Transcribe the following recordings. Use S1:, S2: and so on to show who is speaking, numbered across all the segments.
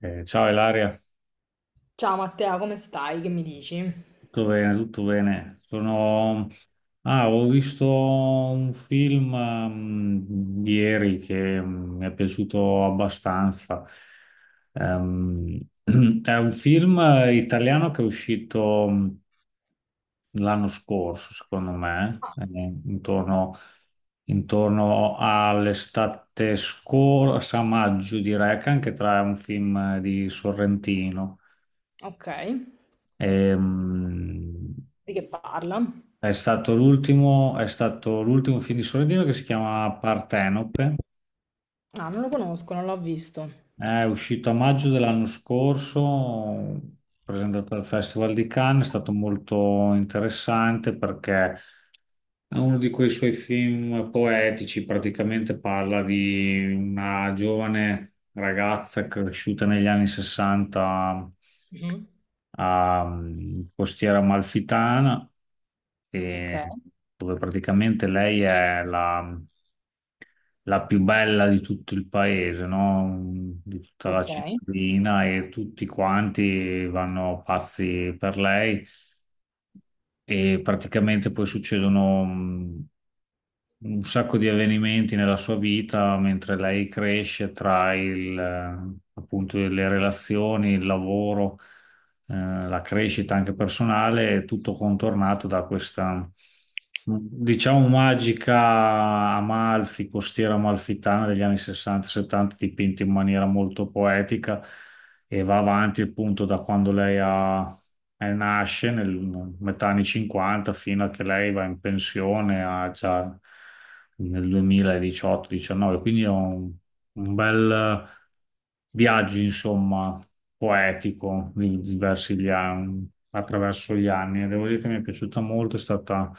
S1: Ciao Ilaria,
S2: Ciao Matteo, come stai? Che mi dici?
S1: tutto bene, tutto bene. Ho visto un film ieri che mi è piaciuto abbastanza. Ehm, è un film italiano che è uscito l'anno scorso, secondo me, intorno, intorno all'estate scorsa, a maggio direi, che anche tra è un film di Sorrentino.
S2: Ok,
S1: Ehm,
S2: di che parla?
S1: È stato l'ultimo film di Sorrentino che si chiama Partenope,
S2: Ah, non lo conosco, non l'ho visto.
S1: è uscito a maggio dell'anno scorso, presentato al Festival di Cannes, è stato molto interessante perché è uno di quei suoi film poetici, praticamente parla di una giovane ragazza cresciuta negli anni 60
S2: Mhm.
S1: a Costiera Amalfitana,
S2: Ok,
S1: e dove praticamente lei è la più bella di tutto il paese, no? Di tutta la
S2: ok.
S1: cittadina e tutti quanti vanno pazzi per lei e praticamente poi succedono un sacco di avvenimenti nella sua vita mentre lei cresce tra il, appunto, le relazioni, il lavoro, la crescita anche personale, è tutto contornato da questa, diciamo, magica Amalfi, costiera amalfitana degli anni 60-70, dipinta in maniera molto poetica e va avanti appunto da quando lei ha nasce nel metà anni 50 fino a che lei va in pensione a già nel 2018-19, quindi è un bel viaggio, insomma, poetico di attraverso gli anni. Devo dire che mi è piaciuta molto, è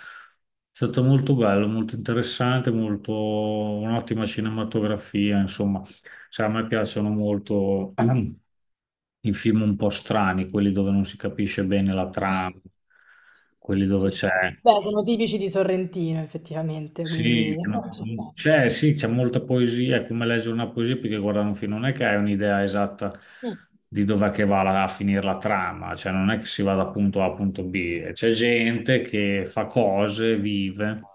S1: stato molto bello, molto interessante, molto un'ottima cinematografia, insomma. Sai, a me piacciono molto i film un po' strani, quelli dove non si capisce bene la
S2: Ah,
S1: trama, quelli dove
S2: ci
S1: c'è...
S2: sta. Beh, sono tipici di Sorrentino, effettivamente, quindi
S1: Sì, no,
S2: ci sta.
S1: c'è sì, c'è molta poesia, è come leggere una poesia perché guardare un film non è che hai un'idea esatta
S2: Mm.
S1: di dov'è che va la- a finire la trama, cioè non è che si va da punto A a punto B, c'è gente che fa cose, vive.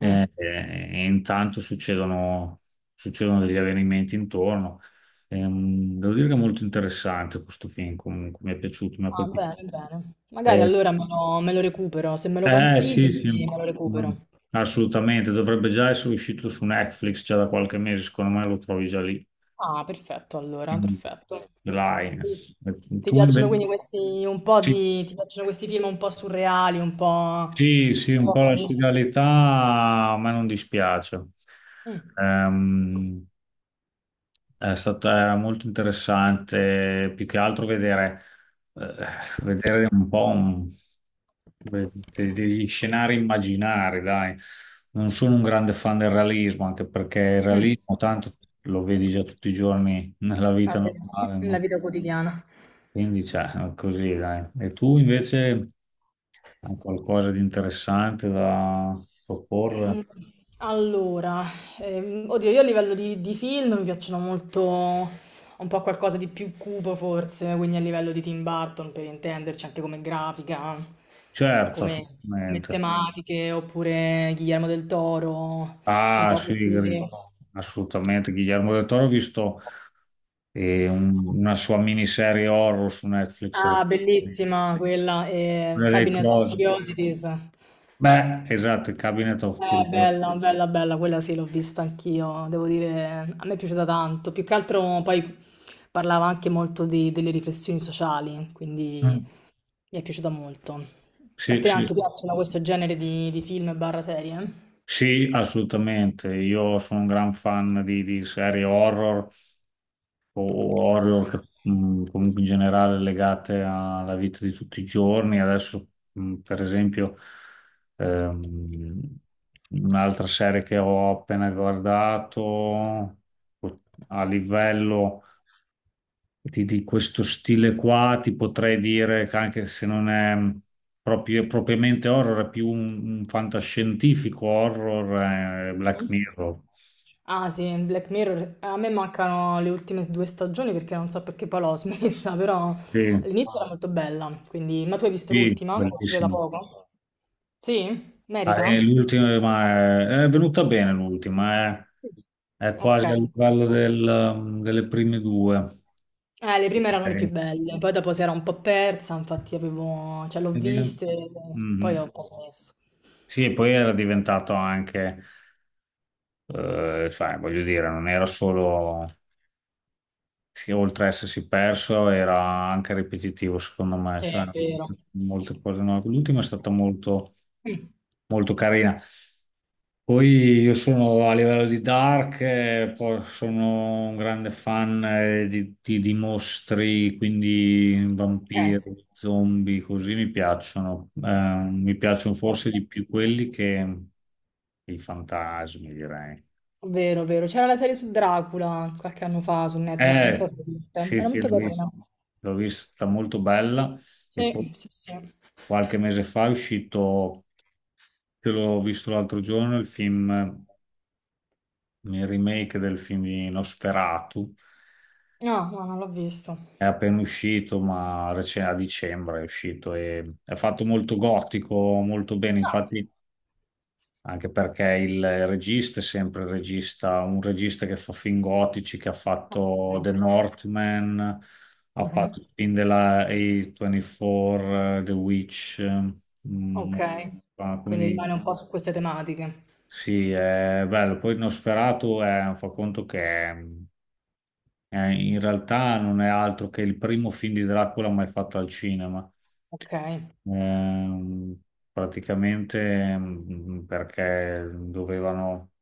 S2: Mm.
S1: eh, E intanto succedono degli avvenimenti intorno. Devo dire che è molto interessante questo film, comunque mi è piaciuto, mi ha
S2: Ah,
S1: colpito.
S2: bene, bene. Magari
S1: Eh,
S2: allora me lo recupero. Se me lo
S1: sì,
S2: consigli,
S1: sì,
S2: me lo
S1: no,
S2: recupero.
S1: assolutamente, dovrebbe già essere uscito su Netflix già da qualche mese, secondo me lo trovi già lì,
S2: Ah, perfetto, allora,
S1: in
S2: perfetto.
S1: line.
S2: Ti
S1: Tu
S2: piacciono
S1: invece-
S2: quindi questi un po'
S1: sì,
S2: di, ti piacciono questi film un po' surreali,
S1: sì, sì,
S2: un
S1: un
S2: po'
S1: po' la
S2: così.
S1: serialità a me non dispiace.
S2: Mm,
S1: Ehm, È stato era molto interessante, più che altro eh, vedere un po' degli scenari immaginari, dai. Non sono un grande fan del realismo, anche perché il
S2: mm.
S1: realismo tanto lo vedi già tutti i giorni nella vita
S2: Vabbè,
S1: normale,
S2: la
S1: no?
S2: vita quotidiana.
S1: Quindi, cioè, è così, dai. E tu invece hai qualcosa di interessante da proporre?
S2: Mm, allora, oddio, io a livello di film mi piacciono molto un po' qualcosa di più cupo forse, quindi a livello di Tim Burton per intenderci, anche come grafica,
S1: Certo,
S2: come, come
S1: assolutamente.
S2: tematiche, oppure Guillermo del Toro, un
S1: Ah,
S2: po'
S1: sì, Gri-
S2: questi...
S1: assolutamente. Guillermo del Toro, ho visto una sua miniserie horror su Netflix
S2: Ah,
S1: recentemente.
S2: bellissima quella,
S1: Quella dei
S2: Cabinet of
S1: Cross.
S2: Curiosities.
S1: Beh, esatto, il Cabinet of Curiosity.
S2: Bella, bella, bella, quella sì, l'ho vista anch'io, devo dire, a me è piaciuta tanto, più che altro poi parlava anche molto di- delle riflessioni sociali, quindi
S1: Mm.
S2: mi è piaciuta molto. A
S1: Sì,
S2: te
S1: sì,
S2: anche piacciono questo genere di film barra serie?
S1: sì, assolutamente. Io sono un gran fan di serie horror o horror che, comunque in generale legate alla vita di tutti i giorni. Adesso, per esempio, ehm, un'altra serie che ho appena guardato a livello di questo stile qua, ti potrei dire che anche se non è propriamente horror, è più un fantascientifico horror, Black Mirror.
S2: Ah sì, Black Mirror, a me mancano le ultime due stagioni perché non so perché poi l'ho smessa, però
S1: Sì,
S2: all'inizio era molto bella, quindi... Ma tu hai visto
S1: sì,
S2: l'ultima? Che è uscita da
S1: bellissimo.
S2: poco? Sì?
S1: Ah,
S2: Merita?
S1: è l'ultima, ma è venuta bene l'ultima, eh. È
S2: Ok.
S1: quasi al livello del, delle prime due.
S2: Le prime erano le più
S1: Ok.
S2: belle, poi dopo si era un po' persa, infatti avevo, cioè l'ho
S1: Quindi,
S2: viste, poi ho
S1: mhm.
S2: un po' smesso.
S1: Sì, e poi era diventato anche, cioè, voglio dire, non era solo sì, oltre a essersi perso, era anche ripetitivo, secondo me,
S2: Sì,
S1: cioè
S2: è vero.
S1: molte cose no. L'ultima è stata molto,
S2: Mm,
S1: molto carina. Poi io sono a livello di Dark, poi sono un grande fan di mostri, quindi
S2: ok,
S1: vampiri, zombie, così mi piacciono. Mi piacciono forse
S2: bello.
S1: di più quelli che i fantasmi, direi.
S2: Vero, vero. C'era la serie su Dracula qualche anno fa su Netflix, non so
S1: Eh,
S2: se l'hai vista.
S1: sì,
S2: Era
S1: sì,
S2: molto carina.
S1: l'ho vista molto bella. E poi
S2: Sì, sì, sì.
S1: qualche mese fa è uscito, che l'ho visto l'altro giorno, il remake del film di Nosferatu.
S2: No, no, non l'ho visto.
S1: È appena uscito, ma a dicembre è uscito e è fatto molto gotico, molto bene.
S2: Ah,
S1: Infatti, anche perché il regista è sempre il regista, un regista che fa film gotici, che ha fatto
S2: ok.
S1: The Northman, ha
S2: Mhm,
S1: fatto il film della A24, The Witch. Mm,
S2: ok, quindi
S1: quindi
S2: rimane un po' su queste tematiche.
S1: sì, è bello. Poi Nosferatu è, fa conto che in realtà non è altro che il primo film di Dracula mai fatto al cinema.
S2: Ok. Eh
S1: Ehm, praticamente perché dovevano,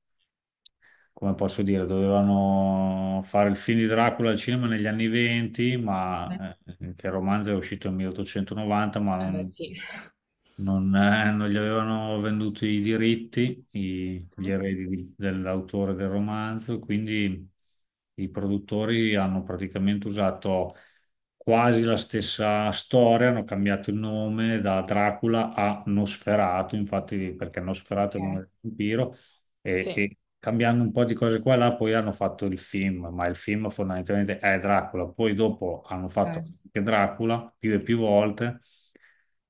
S1: come posso dire, dovevano fare il film di Dracula al cinema negli anni 20, ma che il romanzo è uscito nel 1890, ma
S2: beh, sì.
S1: non gli avevano venduto i diritti, gli eredi dell'autore del romanzo, quindi i produttori hanno praticamente usato quasi la stessa storia, hanno cambiato il nome da Dracula a Nosferatu, infatti perché Nosferatu è il nome
S2: Ok,
S1: del vampiro,
S2: sì,
S1: e cambiando un po' di cose qua e là, poi hanno fatto il film, ma il film fondamentalmente è Dracula, poi dopo hanno
S2: ok,
S1: fatto anche Dracula più e più volte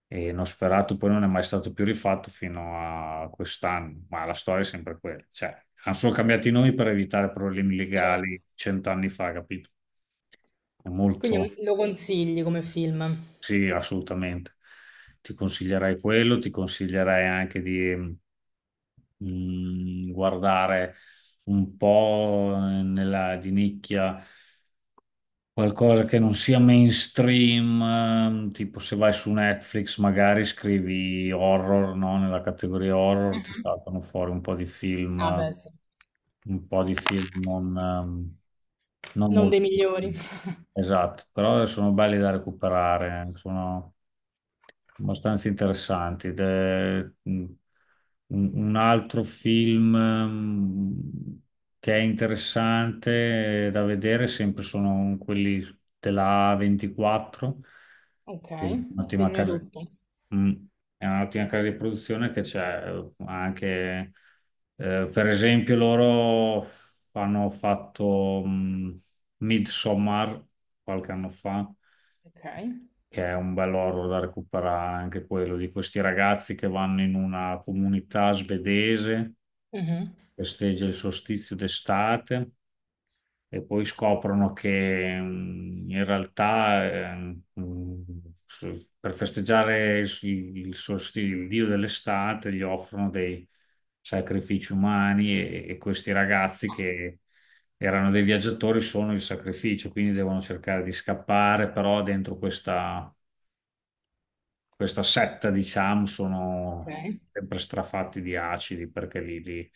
S1: e Nosferatu poi non è mai stato più rifatto fino a quest'anno, ma la storia è sempre quella. Cioè, hanno solo cambiato i nomi per evitare problemi
S2: certo.
S1: legali cent'anni fa, capito? È molto,
S2: Quindi lo consigli come film?
S1: sì, assolutamente. Ti consiglierei quello, ti consiglierei anche di guardare un po' nella di nicchia. Qualcosa che non sia mainstream, tipo se vai su Netflix magari scrivi horror, no? Nella categoria horror ti
S2: Mh-mh.
S1: saltano fuori un po' di film,
S2: Ah beh, sì.
S1: un po' di film non, ehm, non
S2: Non dei
S1: molto
S2: migliori.
S1: conosciuti. Esatto, però sono belli da recuperare, sono abbastanza interessanti. Ed è mm, un altro film che è interessante da vedere, sempre sono quelli della A24, che è
S2: Okay,
S1: un'ottima
S2: segno
S1: casa,
S2: tutto.
S1: mm, è un'ottima casa di produzione che c'è anche, per esempio, loro hanno fatto Midsommar qualche anno fa
S2: Okay.
S1: che è un bello horror da recuperare anche quello, di questi ragazzi che vanno in una comunità svedese,
S2: Mh-mh.
S1: festeggia il solstizio d'estate e poi scoprono che in realtà eh, mm, per festeggiare il il dio dell'estate gli offrono dei sacrifici umani e questi ragazzi che erano dei viaggiatori sono il sacrificio, quindi devono cercare di scappare, però dentro questa questa setta, diciamo, sono
S2: Okay.
S1: sempre strafatti di acidi perché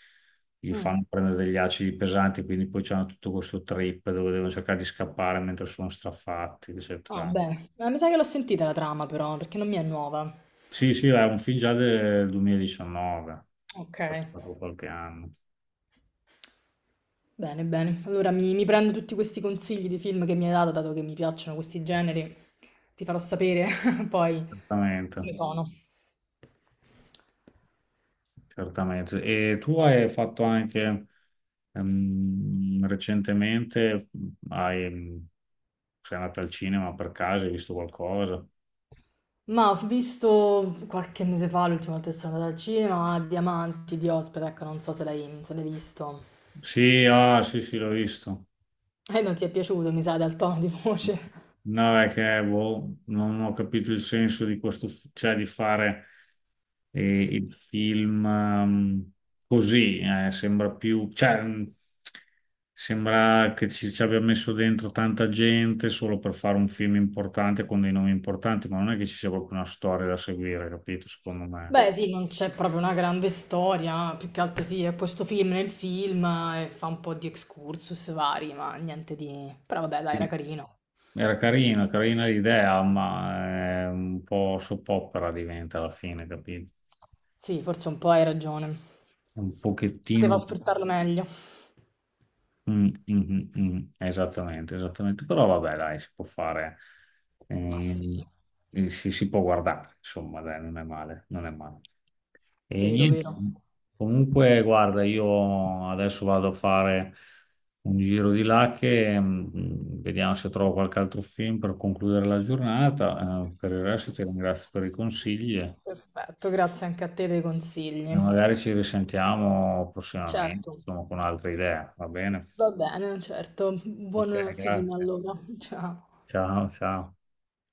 S1: gli
S2: Mh.
S1: fanno prendere degli acidi pesanti, quindi poi c'hanno tutto questo trip dove devono cercare di scappare mentre sono strafatti,
S2: Ah,
S1: eccetera.
S2: bene. Ma mi sa che l'ho sentita la trama però, perché non mi è nuova.
S1: Sì, sì, è un film già del 2019,
S2: Okay.
S1: passato qualche anno.
S2: Bene, bene. Allora mi prendo tutti questi consigli di film che mi hai dato, dato che mi piacciono questi generi, ti farò sapere poi
S1: Certamente,
S2: come sono.
S1: certamente. E tu hai fatto anche recentemente, hai, sei andato al cinema per caso, hai visto qualcosa?
S2: Ma ho visto qualche mese fa, l'ultima volta che sono andata al cinema, Diamanti di Ospetek, non so se l'hai visto.
S1: Sì, ah, sì, sì, l'ho visto.
S2: E non ti è piaciuto, mi sa, dal tono di voce.
S1: No, è che boh, non ho capito il senso di questo, cioè di fare il film così, sembra più, cioè, sembra che ci abbia messo dentro tanta gente solo per fare un film importante con dei nomi importanti, ma non è che ci sia proprio una storia da seguire, capito? Secondo me.
S2: Beh, sì, non c'è proprio una grande storia, più che altro sì, è questo film nel film e fa un po' di excursus vari, ma niente di... Però vabbè, dai, era
S1: Sì.
S2: carino.
S1: Era carina, carina l'idea, ma è un po' soppopera diventa alla fine, capito?
S2: Sì, forse un po' hai ragione.
S1: Un pochettino...
S2: Poteva
S1: un-
S2: sfruttarlo meglio.
S1: mm, mm, mm, mm. Esattamente, esattamente. Però vabbè, dai, si può fare,
S2: Ma sì,
S1: ehm, si può guardare, insomma, dai, non è male, non è male. E
S2: vero,
S1: niente,
S2: vero.
S1: comunque, guarda, io adesso vado a fare un giro di là che vediamo se trovo qualche altro film per concludere la giornata. Per il resto ti ringrazio per i consigli e
S2: Perfetto, grazie anche a te dei consigli.
S1: magari ci risentiamo prossimamente,
S2: Certo,
S1: insomma, con altre idee, va bene?
S2: va bene, certo.
S1: Ok,
S2: Buon film
S1: grazie.
S2: allora. Ciao.
S1: Ciao, ciao.